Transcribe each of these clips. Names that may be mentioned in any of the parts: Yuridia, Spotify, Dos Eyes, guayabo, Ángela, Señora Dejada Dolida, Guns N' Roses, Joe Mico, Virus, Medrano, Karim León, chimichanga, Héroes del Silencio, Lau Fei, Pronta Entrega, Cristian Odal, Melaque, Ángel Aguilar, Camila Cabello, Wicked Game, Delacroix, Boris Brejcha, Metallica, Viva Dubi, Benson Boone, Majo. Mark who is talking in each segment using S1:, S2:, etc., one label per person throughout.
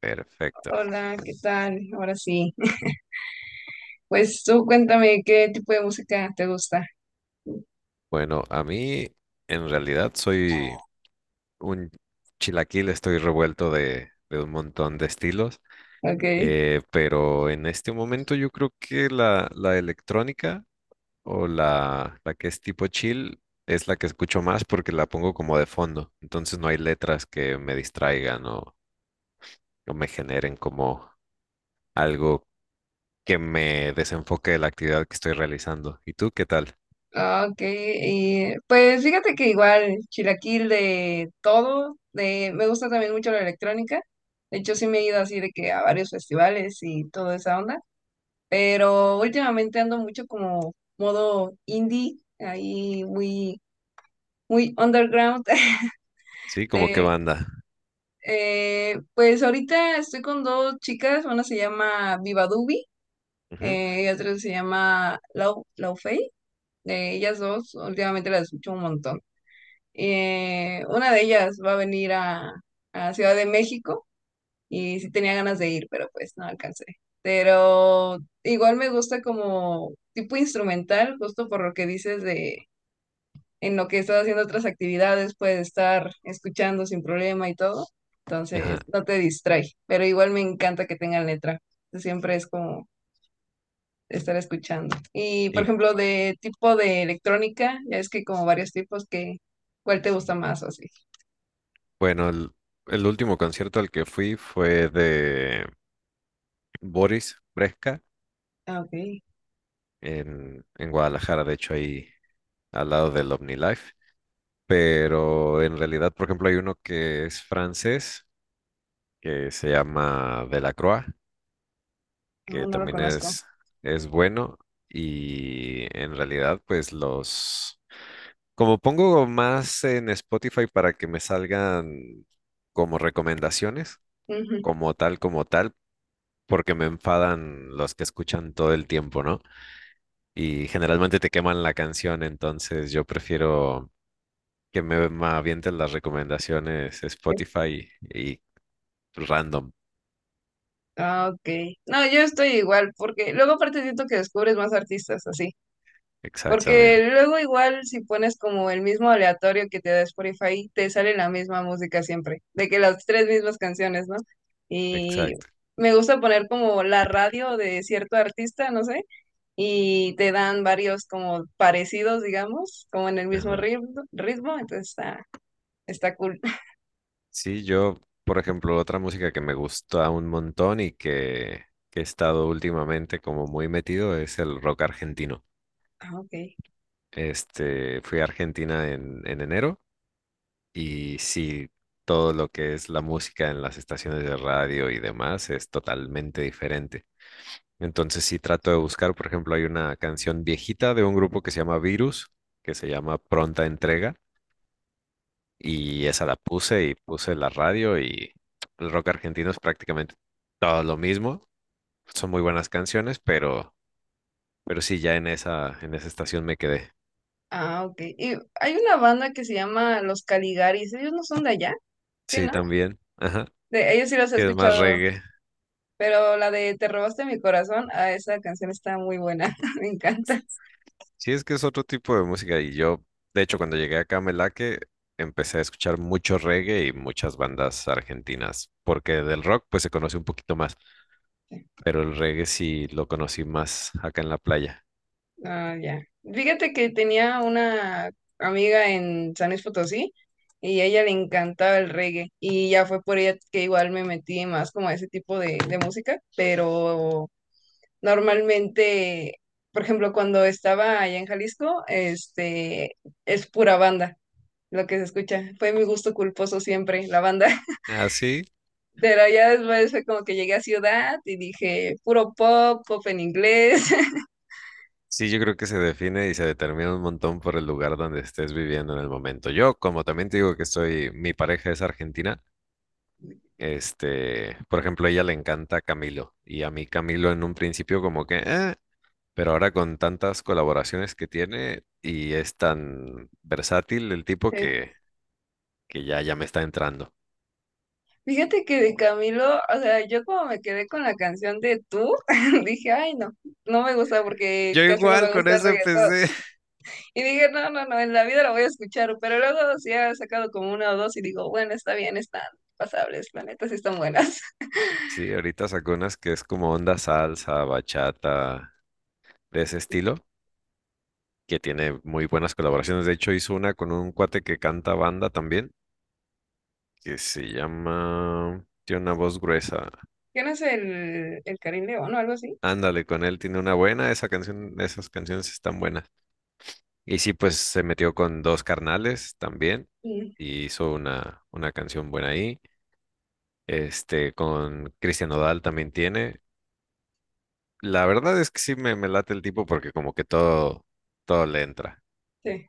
S1: Perfecto.
S2: Hola, ¿qué tal? Ahora sí. Pues tú cuéntame qué tipo de música te gusta.
S1: Bueno, a mí en realidad soy un chilaquil, estoy revuelto de un montón de estilos,
S2: Ok.
S1: pero en este momento yo creo que la electrónica o la que es tipo chill es la que escucho más porque la pongo como de fondo, entonces no hay letras que me distraigan o me generen como algo que me desenfoque de la actividad que estoy realizando. ¿Y tú qué tal?
S2: Ah, Ok. Y, pues fíjate que igual, chilaquil de todo. De, me gusta también mucho la electrónica. De hecho, sí me he ido así de que a varios festivales y toda esa onda. Pero últimamente ando mucho como modo indie, ahí muy, muy underground.
S1: Sí, ¿como qué
S2: De,
S1: banda?
S2: pues ahorita estoy con dos chicas, una se llama Viva Dubi.
S1: Ujú.
S2: Y otra se llama Lau Fei. De ellas dos, últimamente las escucho un montón. Una de ellas va a venir a Ciudad de México y sí tenía ganas de ir, pero pues no alcancé. Pero igual me gusta como tipo instrumental, justo por lo que dices de en lo que estás haciendo otras actividades, puedes estar escuchando sin problema y todo.
S1: Ajá.
S2: Entonces, no te distrae, pero igual me encanta que tengan letra. Siempre es como estar escuchando. Y por
S1: ¿Y
S2: ejemplo, de tipo de electrónica, ya es que hay como varios tipos que, ¿cuál te gusta más o así?
S1: Bueno, el último concierto al que fui fue de Boris Brejcha
S2: Ah, ok,
S1: en Guadalajara, de hecho ahí al lado del OmniLife. Pero en realidad, por ejemplo, hay uno que es francés, que se llama Delacroix,
S2: no,
S1: que
S2: no lo
S1: también
S2: conozco.
S1: es bueno. Y en realidad, pues los... Como pongo más en Spotify para que me salgan como recomendaciones,
S2: Ujú.
S1: como tal. Porque me enfadan los que escuchan todo el tiempo, ¿no? Y generalmente te queman la canción, entonces yo prefiero que me avienten las recomendaciones Spotify y random.
S2: Ah, ok. No, yo estoy igual, porque luego aparte siento que descubres más artistas así. Porque
S1: Exactamente,
S2: luego igual si pones como el mismo aleatorio que te da Spotify, te sale la misma música siempre, de que las tres mismas canciones, ¿no? Y
S1: exacto.
S2: me gusta poner como la radio de cierto artista, no sé, y te dan varios como parecidos, digamos, como en el mismo
S1: Ajá.
S2: ritmo entonces está, está cool.
S1: Sí, yo, por ejemplo, otra música que me gusta un montón y que he estado últimamente como muy metido es el rock argentino.
S2: Ah, ok.
S1: Este, fui a Argentina en enero. Y sí, todo lo que es la música en las estaciones de radio y demás es totalmente diferente. Entonces sí trato de buscar, por ejemplo, hay una canción viejita de un grupo que se llama Virus, que se llama Pronta Entrega, y esa la puse y puse la radio y el rock argentino es prácticamente todo lo mismo. Son muy buenas canciones, pero sí ya en en esa estación me quedé.
S2: Ah, ok. Y hay una banda que se llama Los Caligaris, ellos no son de allá, sí,
S1: Sí,
S2: ¿no?
S1: también. Ajá.
S2: De, ellos sí los he
S1: Sí, es más
S2: escuchado,
S1: reggae.
S2: pero la de Te robaste mi corazón, ah, esa canción está muy buena, me encanta.
S1: Sí, es que es otro tipo de música y yo, de hecho, cuando llegué acá a Melaque, empecé a escuchar mucho reggae y muchas bandas argentinas, porque del rock pues se conoce un poquito más, pero el reggae sí lo conocí más acá en la playa.
S2: Ah, ya. Fíjate que tenía una amiga en San Luis Potosí y a ella le encantaba el reggae y ya fue por ella que igual me metí más como a ese tipo de música, pero normalmente, por ejemplo, cuando estaba allá en Jalisco, este, es pura banda lo que se escucha. Fue mi gusto culposo siempre, la banda.
S1: Así,
S2: Pero ya después fue como que llegué a ciudad y dije, puro pop, pop en inglés.
S1: sí, yo creo que se define y se determina un montón por el lugar donde estés viviendo en el momento. Yo, como también te digo que estoy, mi pareja es argentina. Este, por ejemplo, a ella le encanta Camilo y a mí Camilo en un principio como que... "Eh". Pero ahora con tantas colaboraciones que tiene y es tan versátil el tipo que ya me está entrando.
S2: Fíjate que de Camilo, o sea, yo como me quedé con la canción de Tú, dije, ay, no, no me gusta porque
S1: Yo
S2: casi no
S1: igual
S2: me
S1: con
S2: gusta el
S1: eso
S2: reggaetón.
S1: empecé.
S2: Y dije, no, no, no, en la vida la voy a escuchar, pero luego sí ha sacado como una o dos y digo, bueno, está bien, están pasables, la neta sí están buenas.
S1: Sí, ahorita sacó unas que es como onda salsa, bachata, de ese estilo, que tiene muy buenas colaboraciones. De hecho, hizo una con un cuate que canta banda también, que se llama... Tiene una voz gruesa.
S2: ¿Quién es el Karim León o algo así?
S1: Ándale, con él tiene una buena, esa canción, esas canciones están buenas. Y sí, pues se metió con dos carnales también
S2: Mm,
S1: y hizo una canción buena ahí. Este, con Cristian Odal también tiene. La verdad es que sí me late el tipo porque como que todo le entra.
S2: sí.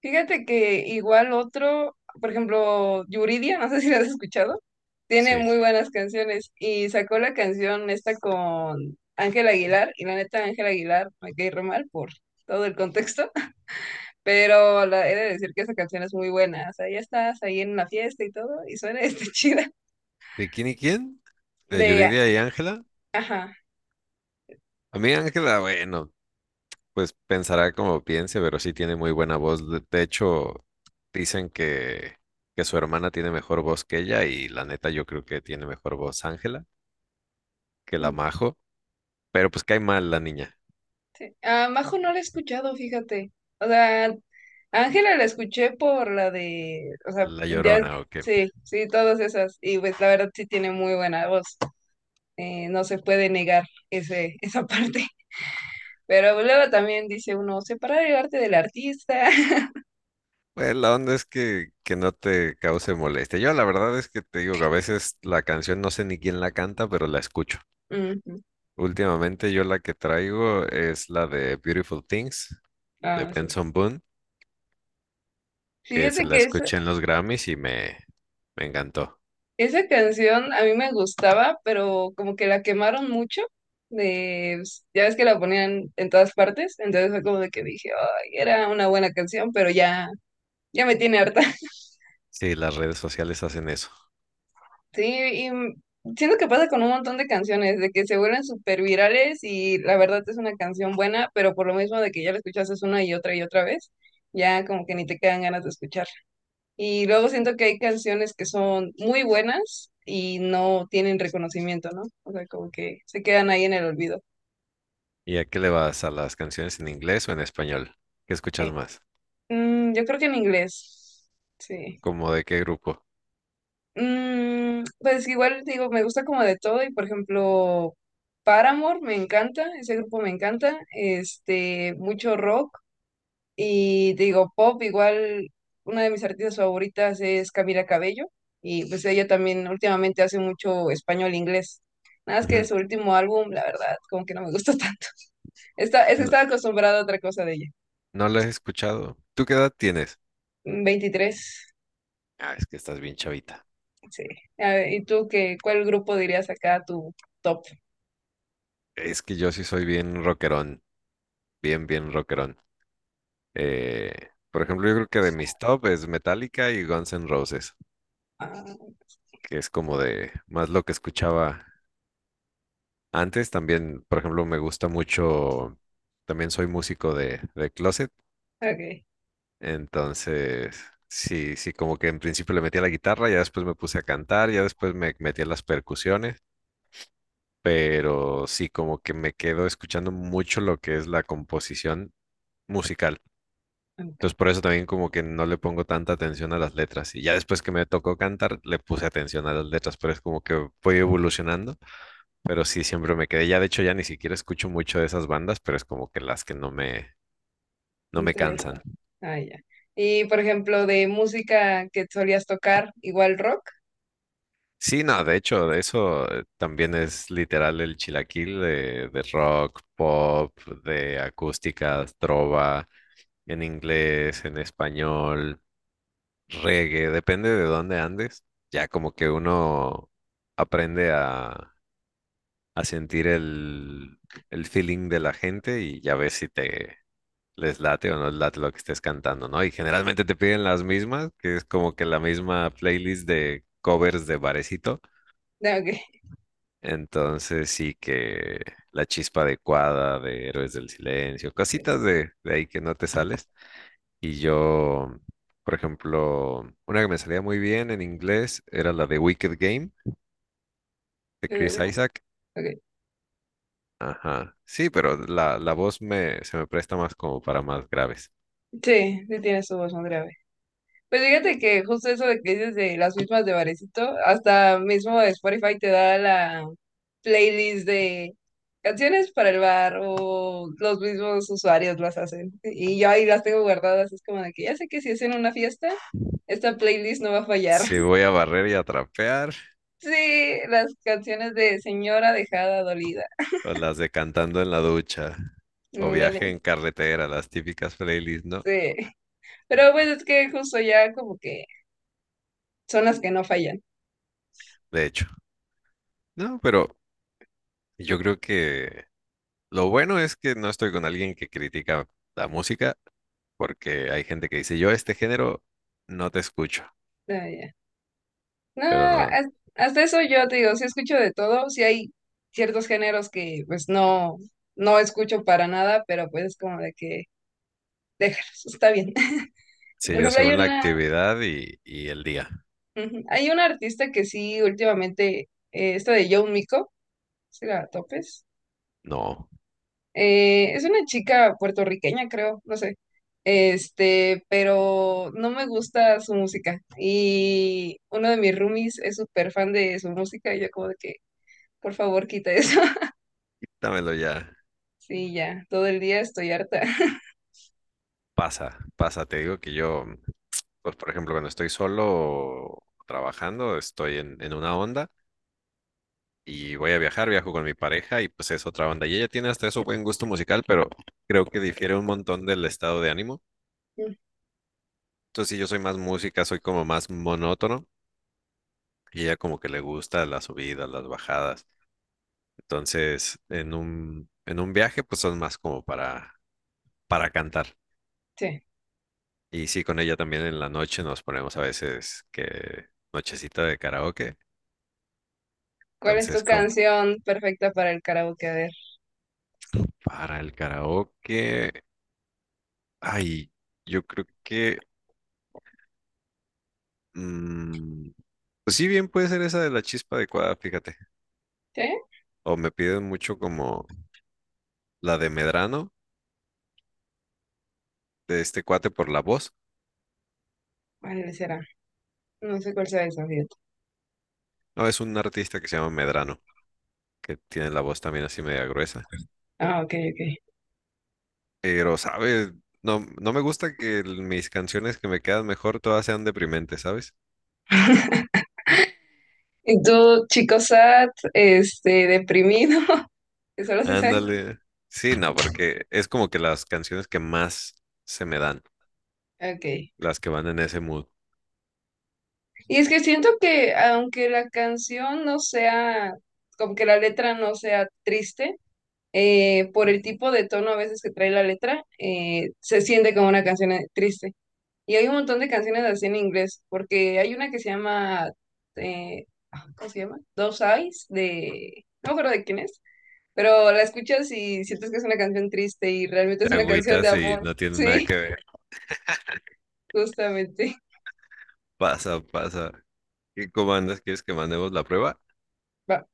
S2: Fíjate que igual otro, por ejemplo, Yuridia, no sé si la has escuchado, tiene
S1: Sí.
S2: muy buenas canciones y sacó la canción esta con Ángel Aguilar y la neta Ángel Aguilar me cae re mal por todo el contexto, pero la, he de decir que esa canción es muy buena, o sea, ya estás ahí en la fiesta y todo y suena este chida
S1: ¿De quién y quién? ¿De
S2: de,
S1: Yuridia y Ángela?
S2: ajá.
S1: A mí Ángela, bueno, pues pensará como piense, pero sí tiene muy buena voz. De hecho, dicen que su hermana tiene mejor voz que ella y la neta yo creo que tiene mejor voz Ángela que la Majo. Pero pues cae mal la niña,
S2: A Majo no la he escuchado, fíjate. O sea, a Ángela la escuché por la de, o sea,
S1: la
S2: ya,
S1: llorona o qué.
S2: sí, sí, todas esas. Y pues la verdad sí tiene muy buena voz. No se puede negar ese, esa parte. Pero pues, luego también dice uno, separar el arte del artista.
S1: Pues la onda es que no te cause molestia. Yo la verdad es que te digo que a veces la canción no sé ni quién la canta, pero la escucho.
S2: Ujú.
S1: Últimamente yo la que traigo es la de Beautiful Things de
S2: Ah, sí.
S1: Benson Boone, que se
S2: Fíjate
S1: la
S2: que eso.
S1: escuché en los Grammys y me encantó.
S2: Esa canción a mí me gustaba, pero como que la quemaron mucho. De, pues, ya ves que la ponían en todas partes, entonces fue como de que dije, ay, era una buena canción, pero ya, ya me tiene harta.
S1: Sí, las redes sociales hacen eso.
S2: Sí, y siento que pasa con un montón de canciones, de que se vuelven súper virales y la verdad es una canción buena, pero por lo mismo de que ya la escuchas una y otra vez, ya como que ni te quedan ganas de escuchar. Y luego siento que hay canciones que son muy buenas y no tienen reconocimiento, ¿no? O sea, como que se quedan ahí en el olvido.
S1: ¿Y a qué le vas? ¿A las canciones en inglés o en español? ¿Qué escuchas
S2: Eh,
S1: más?
S2: yo creo que en inglés, sí.
S1: ¿Cómo de qué grupo?
S2: Mm, pues igual digo, me gusta como de todo y por ejemplo, Paramore me encanta, ese grupo me encanta, este, mucho rock. Y te digo, pop, igual una de mis artistas favoritas es Camila Cabello. Y pues ella también últimamente hace mucho español-inglés. Nada más que
S1: Ujú.
S2: su último álbum, la verdad, como que no me gustó tanto. Está, es que
S1: No,
S2: estaba acostumbrada a otra cosa de ella.
S1: no las he escuchado. ¿Tú qué edad tienes?
S2: Mm, 23
S1: Ah, es que estás bien chavita.
S2: sí. A ver, ¿y tú qué, cuál grupo dirías acá tu top?
S1: Es que yo sí soy bien rockerón, bien rockerón. Eh, por ejemplo, yo creo que de mis top es Metallica y Guns N' Roses,
S2: Ah,
S1: que es como de más lo que escuchaba antes. También, por ejemplo, me gusta mucho, también soy músico de closet,
S2: ok,
S1: entonces sí, como que en principio le metí a la guitarra, ya después me puse a cantar, ya después me metí a las percusiones, pero sí, como que me quedo escuchando mucho lo que es la composición musical.
S2: ok,
S1: Entonces por eso también como que no le pongo tanta atención a las letras. Y ya después que me tocó cantar, le puse atención a las letras, pero es como que voy evolucionando. Pero sí, siempre me quedé. Ya de hecho ya ni siquiera escucho mucho de esas bandas, pero es como que las que no me
S2: interesante.
S1: cansan.
S2: Ah, ya. Y por ejemplo, de música que solías tocar, igual rock.
S1: Sí, no, de hecho, de eso también es literal el chilaquil de rock, pop, de acústica, trova, en inglés, en español. Reggae, depende de dónde andes. Ya como que uno aprende a sentir el feeling de la gente y ya ves si te les late o no les late lo que estés cantando, ¿no? Y generalmente te piden las mismas, que es como que la misma playlist de covers de barecito.
S2: Ah,
S1: Entonces sí que la chispa adecuada de Héroes del Silencio, cositas de ahí que no te sales. Y yo, por ejemplo, una que me salía muy bien en inglés era la de Wicked Game de Chris Isaac.
S2: Ok. Ok.
S1: Ajá. Sí, pero la voz me, se me presta más como para más graves.
S2: Sí, sí tiene su voz más grave. Pues fíjate que justo eso de que dices de las mismas de Varecito, hasta mismo Spotify te da la playlist de canciones para el bar o los mismos usuarios las hacen. Y yo ahí las tengo guardadas, es como de que ya sé que si es en una fiesta, esta playlist no va a fallar.
S1: Si voy a barrer y a trapear,
S2: Sí, las canciones de Señora Dejada Dolida.
S1: o las de cantando en la ducha, o
S2: Ándale,
S1: viaje en carretera, las típicas playlists, ¿no?
S2: sí. Pero pues es que justo ya como que son las que no fallan.
S1: De hecho, no, pero yo creo que lo bueno es que no estoy con alguien que critica la música, porque hay gente que dice, yo este género no te escucho,
S2: No,
S1: pero no.
S2: hasta eso yo te digo, sí escucho de todo, sí hay ciertos géneros que pues no, no escucho para nada, pero pues es como de que déjalos, está bien.
S1: Sí,
S2: Por
S1: yo
S2: ejemplo, hay
S1: según la
S2: una,
S1: actividad y el día.
S2: ujú, hay una artista que sí últimamente, esta de Joe Mico, si la topes,
S1: No,
S2: es una chica puertorriqueña, creo, no sé, este, pero no me gusta su música y uno de mis roomies es súper fan de su música y yo como de que, por favor, quita eso.
S1: dámelo ya.
S2: Sí, ya, todo el día estoy harta.
S1: Pasa, pasa. Te digo que yo, pues por ejemplo, cuando estoy solo trabajando, estoy en una onda y voy a viajar, viajo con mi pareja y pues es otra onda. Y ella tiene hasta eso buen gusto musical, pero creo que difiere un montón del estado de ánimo. Entonces, si yo soy más música, soy como más monótono y ella como que le gusta las subidas, las bajadas. Entonces, en en un viaje, pues son más como para cantar.
S2: Sí.
S1: Y sí, con ella también en la noche nos ponemos a veces que nochecita de karaoke.
S2: ¿Cuál es
S1: Entonces,
S2: tu
S1: con
S2: canción perfecta para el karaoke? A ver.
S1: Para el karaoke, ay, yo creo que, mm, pues sí, bien puede ser esa de la chispa adecuada, fíjate.
S2: ¿Sí?
S1: O me piden mucho como la de Medrano, de este cuate por la voz.
S2: ¿Cuál será? No sé cuál sea esa, fíjate.
S1: No, es un artista que se llama Medrano, que tiene la voz también así media gruesa.
S2: Ah, ok, ok.
S1: Pero, ¿sabes? No, no me gusta que el- mis canciones que me quedan mejor todas sean deprimentes, ¿sabes?
S2: ¿Y tú, chico sad, este, deprimido? Que solo se sabe.
S1: Ándale. Sí, no, porque es como que las canciones que más se me dan,
S2: Ok.
S1: las que van en ese mood.
S2: Y es que siento que aunque la canción no sea, como que la letra no sea triste, por el tipo de tono a veces que trae la letra, se siente como una canción triste. Y hay un montón de canciones así en inglés, porque hay una que se llama, eh, ah, ¿cómo se llama? Dos Eyes, de, no me acuerdo de quién es, pero la escuchas y sientes que es una canción triste y realmente es
S1: Te
S2: una canción de
S1: agüitas y
S2: amor.
S1: no tienen nada
S2: Sí,
S1: que ver.
S2: justamente.
S1: Pasa, pasa. ¿Y cómo andas? ¿Quieres que mandemos la prueba?
S2: Va.